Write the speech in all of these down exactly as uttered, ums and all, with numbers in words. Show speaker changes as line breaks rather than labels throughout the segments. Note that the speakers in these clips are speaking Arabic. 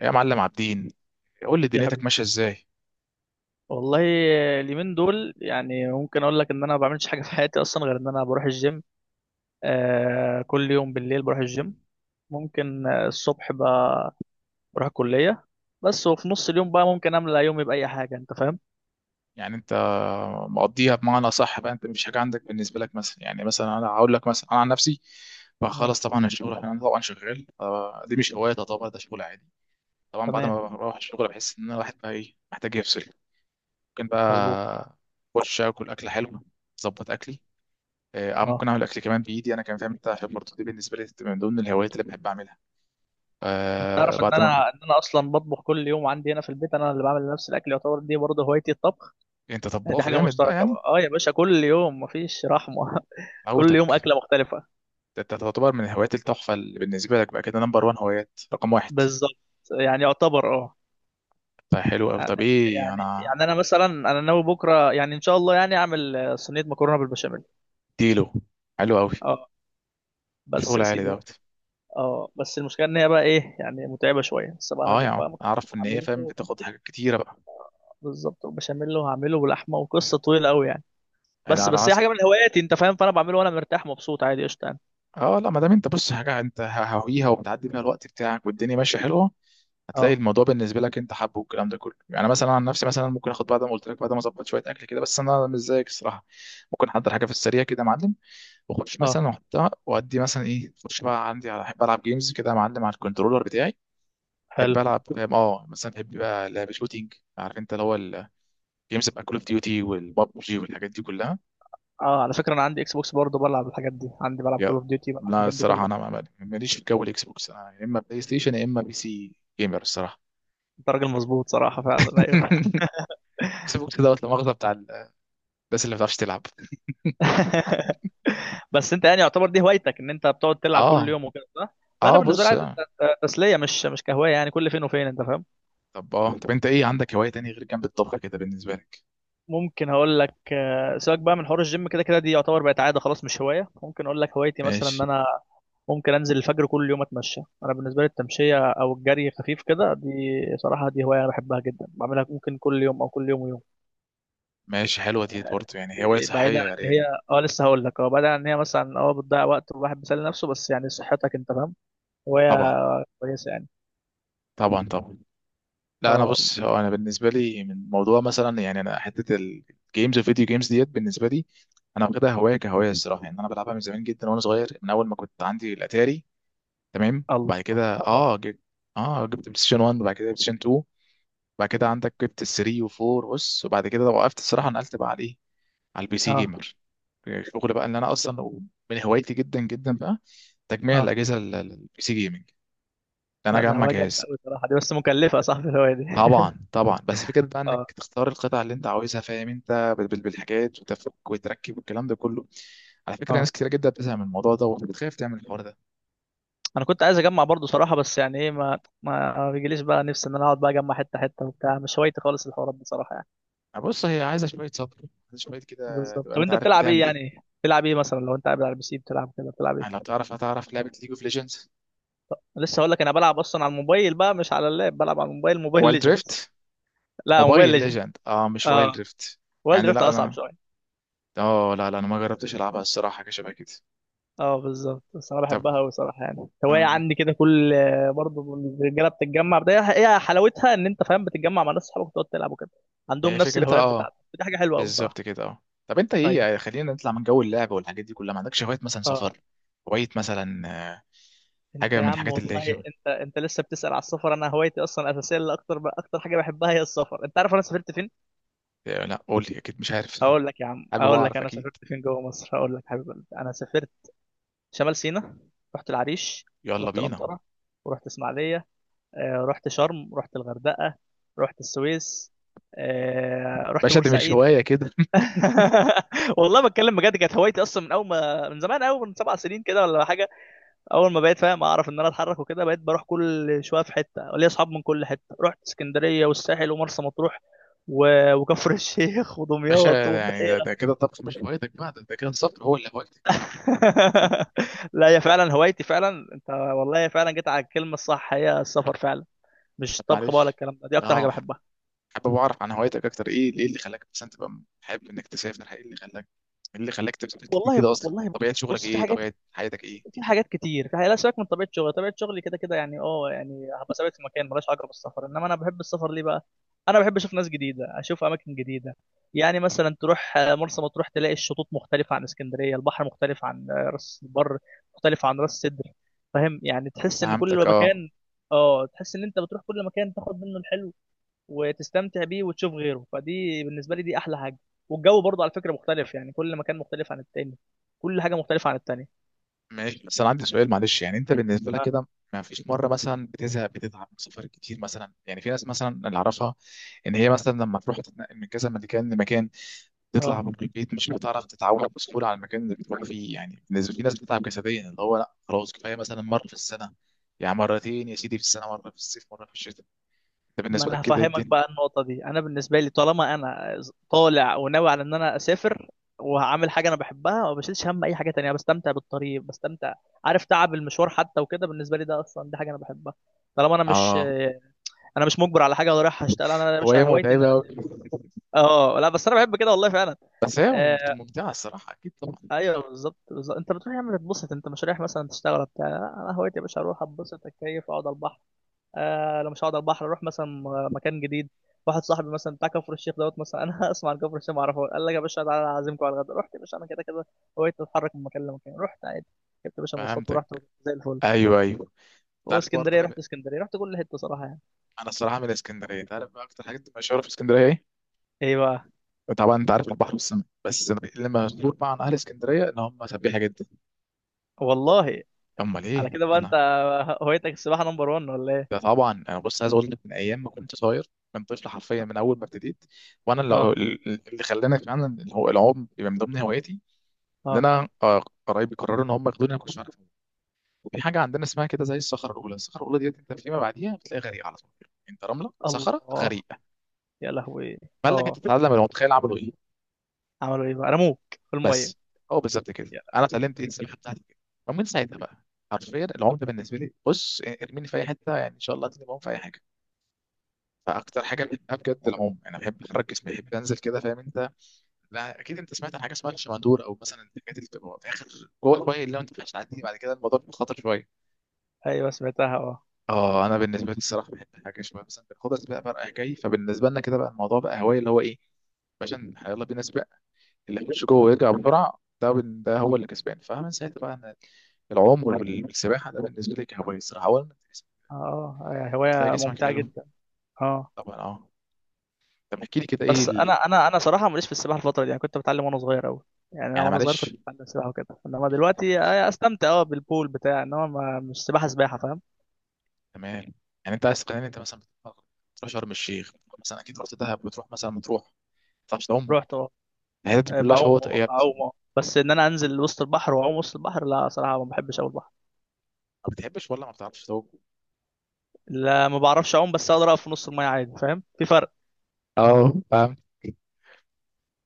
يا معلم عابدين، قول لي
يا
دنيتك
حبيبي،
ماشيه ازاي؟
والله اليومين دول يعني ممكن اقول لك ان انا ما بعملش حاجه في حياتي اصلا غير ان انا بروح الجيم. آه كل يوم بالليل بروح الجيم. ممكن، آه، الصبح ب- بروح الكليه. بس وفي نص اليوم بقى ممكن املى يومي باي حاجه، انت فاهم؟
يعني انت مقضيها بمعنى صح بقى؟ انت مش حاجه عندك بالنسبه لك مثلا؟ يعني مثلا انا هقول لك مثلا انا عن نفسي،
اه،
بخلص طبعا الشغل، انا طبعا شغال. آه، دي مش هوايه طبعا، ده شغل عادي. طبعا بعد
تمام،
ما بروح الشغل بحس ان انا الواحد بقى ايه، محتاج يفصل. ممكن
مظبوط.
بقى اخش اكل اكله حلوه، اظبط اكلي. آه، ممكن
اه،
اعمل اكل كمان بايدي انا كمان، فاهم انت؟ عشان برضه دي بالنسبه لي من ضمن الهوايات اللي بحب اعملها.
انت
آه،
تعرف ان
بعد ما
انا ان انا اصلا بطبخ كل يوم عندي هنا في البيت، انا اللي بعمل نفس الاكل، يعتبر دي برضه هوايتي الطبخ.
انت
يعني دي
طباخ
حاجه
جامد بقى
مشتركه
يعني.
بقى. اه يا باشا، كل يوم مفيش رحمه. كل يوم
عوتك،
اكله مختلفه.
ده انت تعتبر من الهوايات التحفة اللي بالنسبة لك بقى كده، نمبر وان، هوايات رقم واحد.
بالظبط. يعني يعتبر اه
طيب حلو أوي. طب ايه
يعني
أنا.
يعني انا مثلا، انا ناوي بكره يعني ان شاء الله يعني اعمل آه، صينيه مكرونه بالبشاميل.
اديله، حلو أوي،
اه بس
شغل
يا
عالي
سيدي.
دوت.
اه بس المشكله ان هي بقى ايه، يعني متعبه شويه، بس بقى
اه يا
هجيب
عم
بقى مكرونه.
أعرف إن هي فاهم
هعمله
بتاخد حاجات كتيرة بقى.
بالظبط، وبشاميل، وهعمله بلحمه، وقصه طويله قوي يعني.
يعني
بس
أنا
بس هي
عايز،
حاجه من هواياتي، انت فاهم، فانا بعمله وانا مرتاح مبسوط، عادي، قشطه يعني.
اه لا ما دام انت بص حاجة انت هاويها وبتعدي بيها الوقت بتاعك والدنيا ماشية حلوة، هتلاقي
اه.
الموضوع بالنسبة لك انت حابه والكلام ده كله. يعني مثلا عن نفسي، مثلا ممكن اخد بعد ما قلت لك، بعد ما اظبط شوية أكل كده، بس أنا مش زيك الصراحة. ممكن احضر حاجة في السريع كده يا معلم، واخش
اه،
مثلا واحطها وادي مثلا ايه، اخش بقى عندي على، احب العب جيمز كده يا معلم على الكنترولر بتاعي.
حلو.
احب العب فاهم؟ اه مثلا بحب بقى لعب شوتينج، عارف انت اللي هو الجيمز بقى، كول اوف ديوتي والبابجي والحاجات دي كلها.
اه، على فكره انا عندي اكس بوكس برضه، بلعب الحاجات دي عندي، بلعب
يا،
كول اوف ديوتي، بلعب
لا
الحاجات دي
الصراحه
كلها.
انا ما- ما- ماليش في جو الاكس بوكس. انا يا اما بلاي ستيشن يا اما بي سي جيمر الصراحه.
انت راجل مظبوط صراحه، فعلا، ايوه.
اكس بوكس دوت، لا مؤاخذه بتاع ال- الناس اللي ما بتعرفش تلعب.
بس انت يعني يعتبر دي هوايتك، ان انت بتقعد تلعب كل
اه.
يوم وكده، صح؟ لا، انا
اه
بالنسبه لي
بص.
عادي،
آه.
ت- تسليه، مش مش كهوايه يعني، كل فين وفين، انت فاهم.
طب اه طب انت ايه عندك هوايه تانية غير جنب الطبخ كده بالنسبه لك؟
ممكن هقول لك، آه، سيبك بقى من حوار الجيم، كده كده دي يعتبر بقت عاده خلاص، مش هوايه. ممكن اقول لك هوايتي مثلا، ان
ماشي.
انا ممكن انزل الفجر كل يوم اتمشى، انا بالنسبه لي التمشيه او الجري خفيف كده دي. صراحه دي هوايه انا بحبها جدا، بعملها ممكن كل يوم او كل يوم ويوم.
ماشي حلوه دي برضه يعني، هوايه
بعيدا
صحيه
عن ان هي،
يعني.
اه لسه هقول لك، اه بعيدا عن ان هي مثلا اه بتضيع وقت والواحد بيسلي نفسه، بس يعني صحتك، انت فاهم، هوايه
طبعا.
كويسه يعني.
طبعا طبعا. لا انا
اه.
بص، هو انا بالنسبه لي من موضوع مثلا، يعني انا حته الجيمز والفيديو جيمز ديت بالنسبه لي، انا واخدها هوايه كهوايه الصراحه. يعني انا بلعبها من زمان جدا وانا صغير، من اول ما كنت عندي الاتاري، تمام؟
الله.
بعد كده
اه.
اه جبت اه جبت بلاي ستيشن واحد، بعد كده بلاي ستيشن اتنين، بعد كده عندك جبت ال التلاته واربعه، بص. وبعد كده وقفت الصراحه، نقلت بقى على ايه، على البي سي
اه.
جيمر، الشغل بقى اللي انا اصلا من هوايتي جدا جدا بقى، تجميع
اه.
الاجهزه، البي سي جيمنج. انا
لا، ده
اجمع
هواية جامدة
جهاز.
أوي صراحة، دي بس مكلفة يا صاحبي الهواية دي.
طبعا طبعا، بس فكرة بقى انك
اه.
تختار القطع اللي انت عاوزها، فاهم انت بال- بال- بالحاجات، وتفك وتركب والكلام ده كله. على فكرة ناس
اه،
كتير جدا بتزهق من الموضوع ده وبتخاف تعمل الحوار ده.
انا كنت عايز اجمع برضو صراحة، بس يعني ايه، ما ما بيجيليش بقى نفسي ان انا اقعد بقى اجمع حتة حتة وبتاع، مش هوايتي خالص الحوارات دي صراحة يعني.
بص هي عايزة شوية صبر، عايزة شوية كده
بالظبط.
تبقى
طب
انت
انت
عارف
بتلعب ايه،
بتعمل ايه.
يعني بتلعب ايه مثلا لو انت قاعد على البي سي بتلعب كده، بتلعب
يعني لو
ايه؟
تعرف، هتعرف لعبة ليج اوف ليجندز؟
لسه هقول لك، انا بلعب اصلا على الموبايل بقى، مش على اللاب، بلعب على الموبايل، موبايل
وايلد
ليجندز.
دريفت؟
لا، موبايل
موبايل
ليجندز.
ليجند، اه مش وايلد
اه.
دريفت.
وورلد
يعني
دريفت
لا
اصعب
انا
شوية.
اه لا لا انا ما جربتش العبها الصراحة، حاجة شبه كده.
اه بالظبط، بس انا
طب،
بحبها قوي صراحه يعني، هوايه
اه
عندي كده كل. برضه الرجاله بتتجمع، ده هي حلاوتها، ان انت فاهم بتتجمع مع ناس، صحابك وتقعد تلعب وكده، عندهم
هي
نفس
فكرتها
الهوايات
اه،
بتاعتك، دي حاجه حلوه قوي
بالظبط
صراحه.
كده اه. طب انت ايه
ايوه.
يعني، خلينا نطلع من جو اللعب والحاجات دي كلها، ما عندكش هوايات مثلا
اه.
سفر، هواية مثلا، آه،
انت
حاجة
يا
من
عم
الحاجات اللي
والله،
هي؟
انت انت لسه بتسال على السفر. انا هوايتي اصلا اساسيه، اللي اكتر اكتر حاجه بحبها هي السفر. انت عارف انا سافرت فين؟
آه، لا قول لي اكيد مش عارف.
هقول لك يا عم،
حابب
هقول لك
اعرف
انا سافرت
اكيد.
فين جوه مصر، هقول لك حبيب قلبي انا سافرت شمال سيناء، رحت العريش،
يلا
ورحت
بينا.
الانطره، ورحت اسماعيليه، آه، رحت شرم، رحت الغردقة، رحت السويس، آه، رحت
باشا ده مش
بورسعيد.
هواية كده.
والله بتكلم بجد، كانت هوايتي اصلا من اول ما، من زمان قوي، من سبع سنين كده ولا حاجه. اول ما بقيت فاهم اعرف ان انا اتحرك وكده، بقيت بروح كل شويه في حته، ليا اصحاب من كل حته، رحت اسكندريه والساحل ومرسى مطروح و... وكفر الشيخ
باشا
ودمياط
ده يعني ده,
والبحيره.
ده كده الطبخ مش هوايتك بقى، ده, ده كده السفر هو اللي هوايتك.
لا، هي فعلا هوايتي فعلا. انت والله فعلا جيت على الكلمه الصح، هي السفر فعلا، مش
طب
طبخ بقى ولا
معلش،
الكلام ده، دي اكتر حاجه
اه
بحبها.
حابب اعرف عن هوايتك اكتر. ايه ايه اللي خلاك مثلا تبقى حابب انك تسافر؟ ايه اللي خلاك، ايه اللي خلاك تسافر كتير
والله
كده؟ اصلا
والله،
طبيعة
بص
شغلك
بص، في
ايه؟
حاجات
طبيعة حياتك ايه؟
في حاجات كتير، في حاجات لا سيبك من طبيعه شغلي، طبيعه شغلي كده كده يعني، اه يعني هبقى ثابت في مكان ملهاش علاقه بالسفر، انما انا بحب السفر ليه بقى؟ انا بحب اشوف ناس جديده، اشوف اماكن جديده، يعني مثلا تروح آه، مرسى مطروح تلاقي الشطوط مختلفه عن اسكندريه، البحر مختلف عن آه، راس البر، مختلف عن راس سدر، فاهم؟ يعني تحس ان
فهمتك.
كل
اه
مكان، اه تحس ان انت بتروح كل مكان تاخد منه الحلو، وتستمتع بيه، وتشوف غيره، فدي بالنسبه لي دي احلى حاجه. والجو برضه على فكره مختلف، يعني كل مكان مختلف عن التاني، كل حاجه مختلفه عن التانيه.
ماشي. بس انا عندي سؤال معلش، يعني انت بالنسبه لك
اه.
كده ما فيش مره مثلا بتزهق بتتعب من السفر كتير مثلا؟ يعني في ناس مثلا اللي اعرفها ان هي مثلا لما تروح تتنقل من كذا مكان لمكان، تطلع
آه.
من البيت مش بتعرف تتعود بسهوله على المكان اللي بتروح فيه، يعني بالنسبه في ناس بتتعب جسديا، اللي هو لا خلاص كفايه مثلا مره في السنه، يعني مرتين يا سيدي في السنه، مره في الصيف مره في الشتاء. ده
ما
بالنسبه
انا
لك كده إيه
هفهمك
الدنيا؟
بقى النقطه دي، انا بالنسبه لي طالما انا طالع وناوي على ان انا اسافر، وهعمل حاجه انا بحبها، ما بشيلش هم اي حاجه تانية، بستمتع بالطريق، بستمتع، عارف، تعب المشوار حتى وكده بالنسبه لي ده اصلا دي حاجه انا بحبها. طالما انا مش
اه
انا مش مجبر على حاجه ولا رايح اشتغل، انا يا
هو
باشا
هي
هوايتي ان
متعبه
انا
أوي.
اسافر. اه، لا بس انا بحب كده والله فعلا.
بس هي
آه.
ممتعه الصراحه اكيد طبعا.
ايوه، بالظبط بالظبط، انت بتروح يا عم تتبسط، انت مش رايح مثلا تشتغل ولا بتاع، لا، انا هوايتي يا باشا اروح اتبسط، اتكيف، اقعد على البحر، آه لو مش هقعد على البحر اروح مثلا م- مكان جديد. واحد صاحبي مثلا بتاع كفر الشيخ دوت، مثلا انا اسمع عن كفر الشيخ ما اعرفه، قال لك يا باشا تعالى اعزمكم على الغدا، رحت يا باشا انا، كده كده هوايتي اتحرك من مكان لمكان، رحت عادي، جبت يا باشا مواصلات
فهمتك.
ورحت، زي الفل.
ايوه ايوه. تعرف برضه،
واسكندريه رحت، اسكندريه رحت كل حته صراحه يعني.
انا الصراحه من الاسكندريه، انت عارف بقى اكتر حاجات مشهوره في اسكندريه ايه؟
ايه بقى؟
طبعا انت عارف البحر والسمك، بس أنا اللي مشهور بقى عن اهل اسكندريه ان هم سبيحه جدا.
والله.
امال
على
ايه؟
كده بقى
انا
انت هوايتك السباحه نمبر واحد ولا ايه؟
ده طبعا، انا بص عايز اقول لك، من ايام ما كنت صغير، من طفل حرفيا، من اول ما ابتديت، وانا اللي,
اه.
اللي خلاني فعلا اللي هو العوم يبقى من ضمن هواياتي، ان
اه.
انا آه، قرايبي قرروا ان هم ياخدوني انا كنتش عارف. في حاجه عندنا اسمها كده زي الصخره الاولى، الصخره الاولى ديت انت فيما بعديها بتلاقي غريقه على طول، يعني انت رمله صخره
الله.
غريقه.
يا لهوي.
فقال لك انت
اه،
تتعلم المتخيل عملوا ايه؟
عملوا ايه بقى، رموك في الميه؟
بس هو بالظبط كده
يا
انا
لهوي.
اتعلمت ايه السباحه بتاعتي كده. ومن ساعتها بقى حرفيا العوم ده بالنسبه لي، بص ارميني في اي حته، يعني ان شاء الله هتلاقيني بعوم في اي حاجه. فاكتر حاجه بحبها بجد العوم. انا بحب احرك جسمي، بحب انزل كده فاهم انت؟ لا اكيد انت سمعت عن حاجه اسمها الشمندور، او مثلا الحاجات اللي بتبقى في اخر جوه الميه، اللي لو انت مش هتعدي بعد كده الموضوع بيبقى خطر شويه.
ايوه سمعتها اه.
اه انا بالنسبه لي الصراحه بحب حاجه شويه، مثلا بناخدها سباق بقى رايح جاي، فبالنسبه لنا كده بقى الموضوع بقى هوايه اللي هو ايه، باشا يلا بينا سباق، اللي يخش جوه ويرجع بسرعه ده ده هو اللي كسبان. فمن ساعتها بقى انا العوم والسباحه ده بالنسبه لي كهوايه الصراحه اولا.
اه، آه،
تلاقي
هوايه
جسمك
ممتعه
حلو
جدا. اه،
طبعا. اه طب احكي لي كده ايه
بس انا
ال...
انا انا صراحه ماليش في السباحه الفتره دي يعني، كنت بتعلم وانا صغير قوي، يعني انا
يعني
وانا صغير كنت
معلش،
بتعلم سباحه وكده، انما
يعني انت
دلوقتي
معلش،
آه، استمتع اه
آه.
بالبول بتاع، انما ما مش سباحه سباحه فاهم.
تمام. يعني انت عايز تقنعني انت مثلا بتروح، بتروح شرم الشيخ، بتروح مثلا اكيد رحت دهب، بتروح مثلا مطروح ما بتعرفش تعوم؟
رحت اه.
الحاجات دي
آه،
كلها
بعوم،
شواطئ ايه يا
بعوم
ابني!
اه بس ان انا انزل وسط البحر واعوم وسط البحر، لا صراحه ما بحبش اول البحر.
ما بتحبش ولا ما بتعرفش تعوم؟
لا، ما بعرفش اعوم، بس اقدر اقف في نص الميه عادي، فاهم، في فرق.
اه فاهم.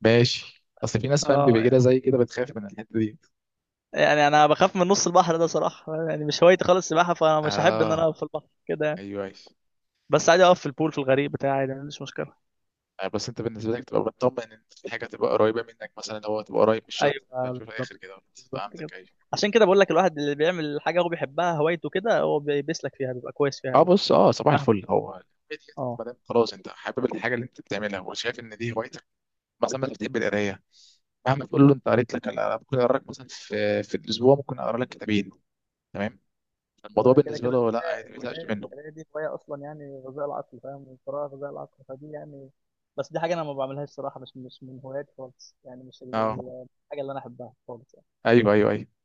ماشي، اصل في ناس فاهم بيبقى
اه،
كده زي كده بتخاف من الحته دي.
يعني انا بخاف من نص البحر ده صراحه، يعني مش هوايتي خالص السباحه، فانا مش هحب ان
اه
انا اقف في البحر كده يعني.
ايوه ايوه.
بس عادي اقف في البول في الغريق بتاعي، عادي، ما عنديش مشكله.
آه، بس انت بالنسبه لك تبقى مطمن ان في حاجه تبقى قريبه منك، مثلا لو هو تبقى قريب من الشط ما
ايوه،
تبقاش في
بالظبط
الاخر كده.
بالظبط كده،
فهمتك، ايوه.
عشان كده بقول لك الواحد اللي بيعمل حاجه هو بيحبها هوايته كده، هو بي- بيسلك فيها، بيبقى كويس فيها
اه
قوي،
بص، اه صباح
فاهم.
الفل. هو هي دي،
اه.
ما دام خلاص انت حابب الحاجه اللي انت بتعملها وشايف ان دي هوايتك، مثلا انت بتحب القرايه، مهما تقول له انت قريت لك انا ممكن اقرا لك مثلا في في الاسبوع ممكن اقرا لك كتابين، تمام، الموضوع
وكده
بالنسبه
كده
له لا
القراية
عادي ما يزهقش
القراية
منه.
القراية دي هواية أصلا يعني، غذاء العقل، فاهم، القراءة غذاء العقل، فدي يعني، بس دي حاجة أنا ما بعملهاش صراحة، مش مش من هواياتي خالص يعني، مش ال-
اه
ال- الحاجة اللي أنا أحبها خالص يعني.
ايوه ايوه ايوه.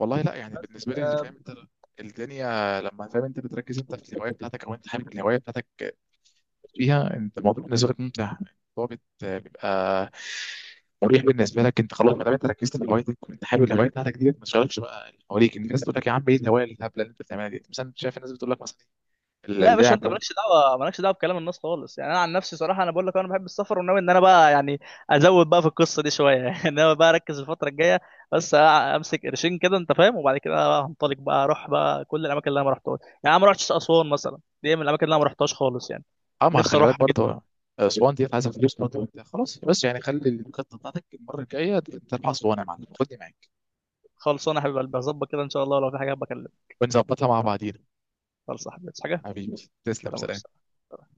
والله لا يعني
بس
بالنسبه لي اللي فاهم انت الدنيا، لما فاهم انت بتركز انت في الهوايه بتاعتك او انت حابب الهوايه بتاعتك فيها انت، الموضوع بالنسبه لك ممتع، الموضوع بت- بيبقى مريح بالنسبه لك انت. خلاص ما دام انت ركزت في هوايتك وانت حابب الهوايه بتاعتك دي، ما تشغلش بقى اللي حواليك، الناس تقول لك يا عم ايه الهوايه الهبله اللي انت بتعملها دي مثلا، شايف الناس بتقول لك مثلا
لا يا باشا،
اللعب.
انت مالكش دعوه، مالكش دعوه بكلام الناس خالص يعني. انا عن نفسي صراحه انا بقول لك، انا بحب السفر وناوي ان انا بقى يعني ازود بقى في القصه دي شويه. يعني انا بقى اركز الفتره الجايه بس، امسك قرشين كده انت فاهم، وبعد كده بقى هنطلق بقى، اروح بقى كل الاماكن اللي انا ما رحتهاش، يعني انا ما رحتش اسوان مثلا، دي من الاماكن اللي انا ما رحتهاش خالص يعني،
اه ما
نفسي
خلي بالك
اروحها جدا.
برضه، اسوان دي عايزه فلوس برضه وانت خلاص، بس يعني خلي الخطه بتاعتك المره الجايه ترفع اسوان يا معلم، خدني معاك
خلصانه يا حبيب قلبي، هظبط كده ان شاء الله، لو في حاجه بكلمك.
ونظبطها مع بعضينا.
خلص يا حبيبي، عايز حاجه؟
حبيبي تسلم،
سلام
سلام.
عليكم.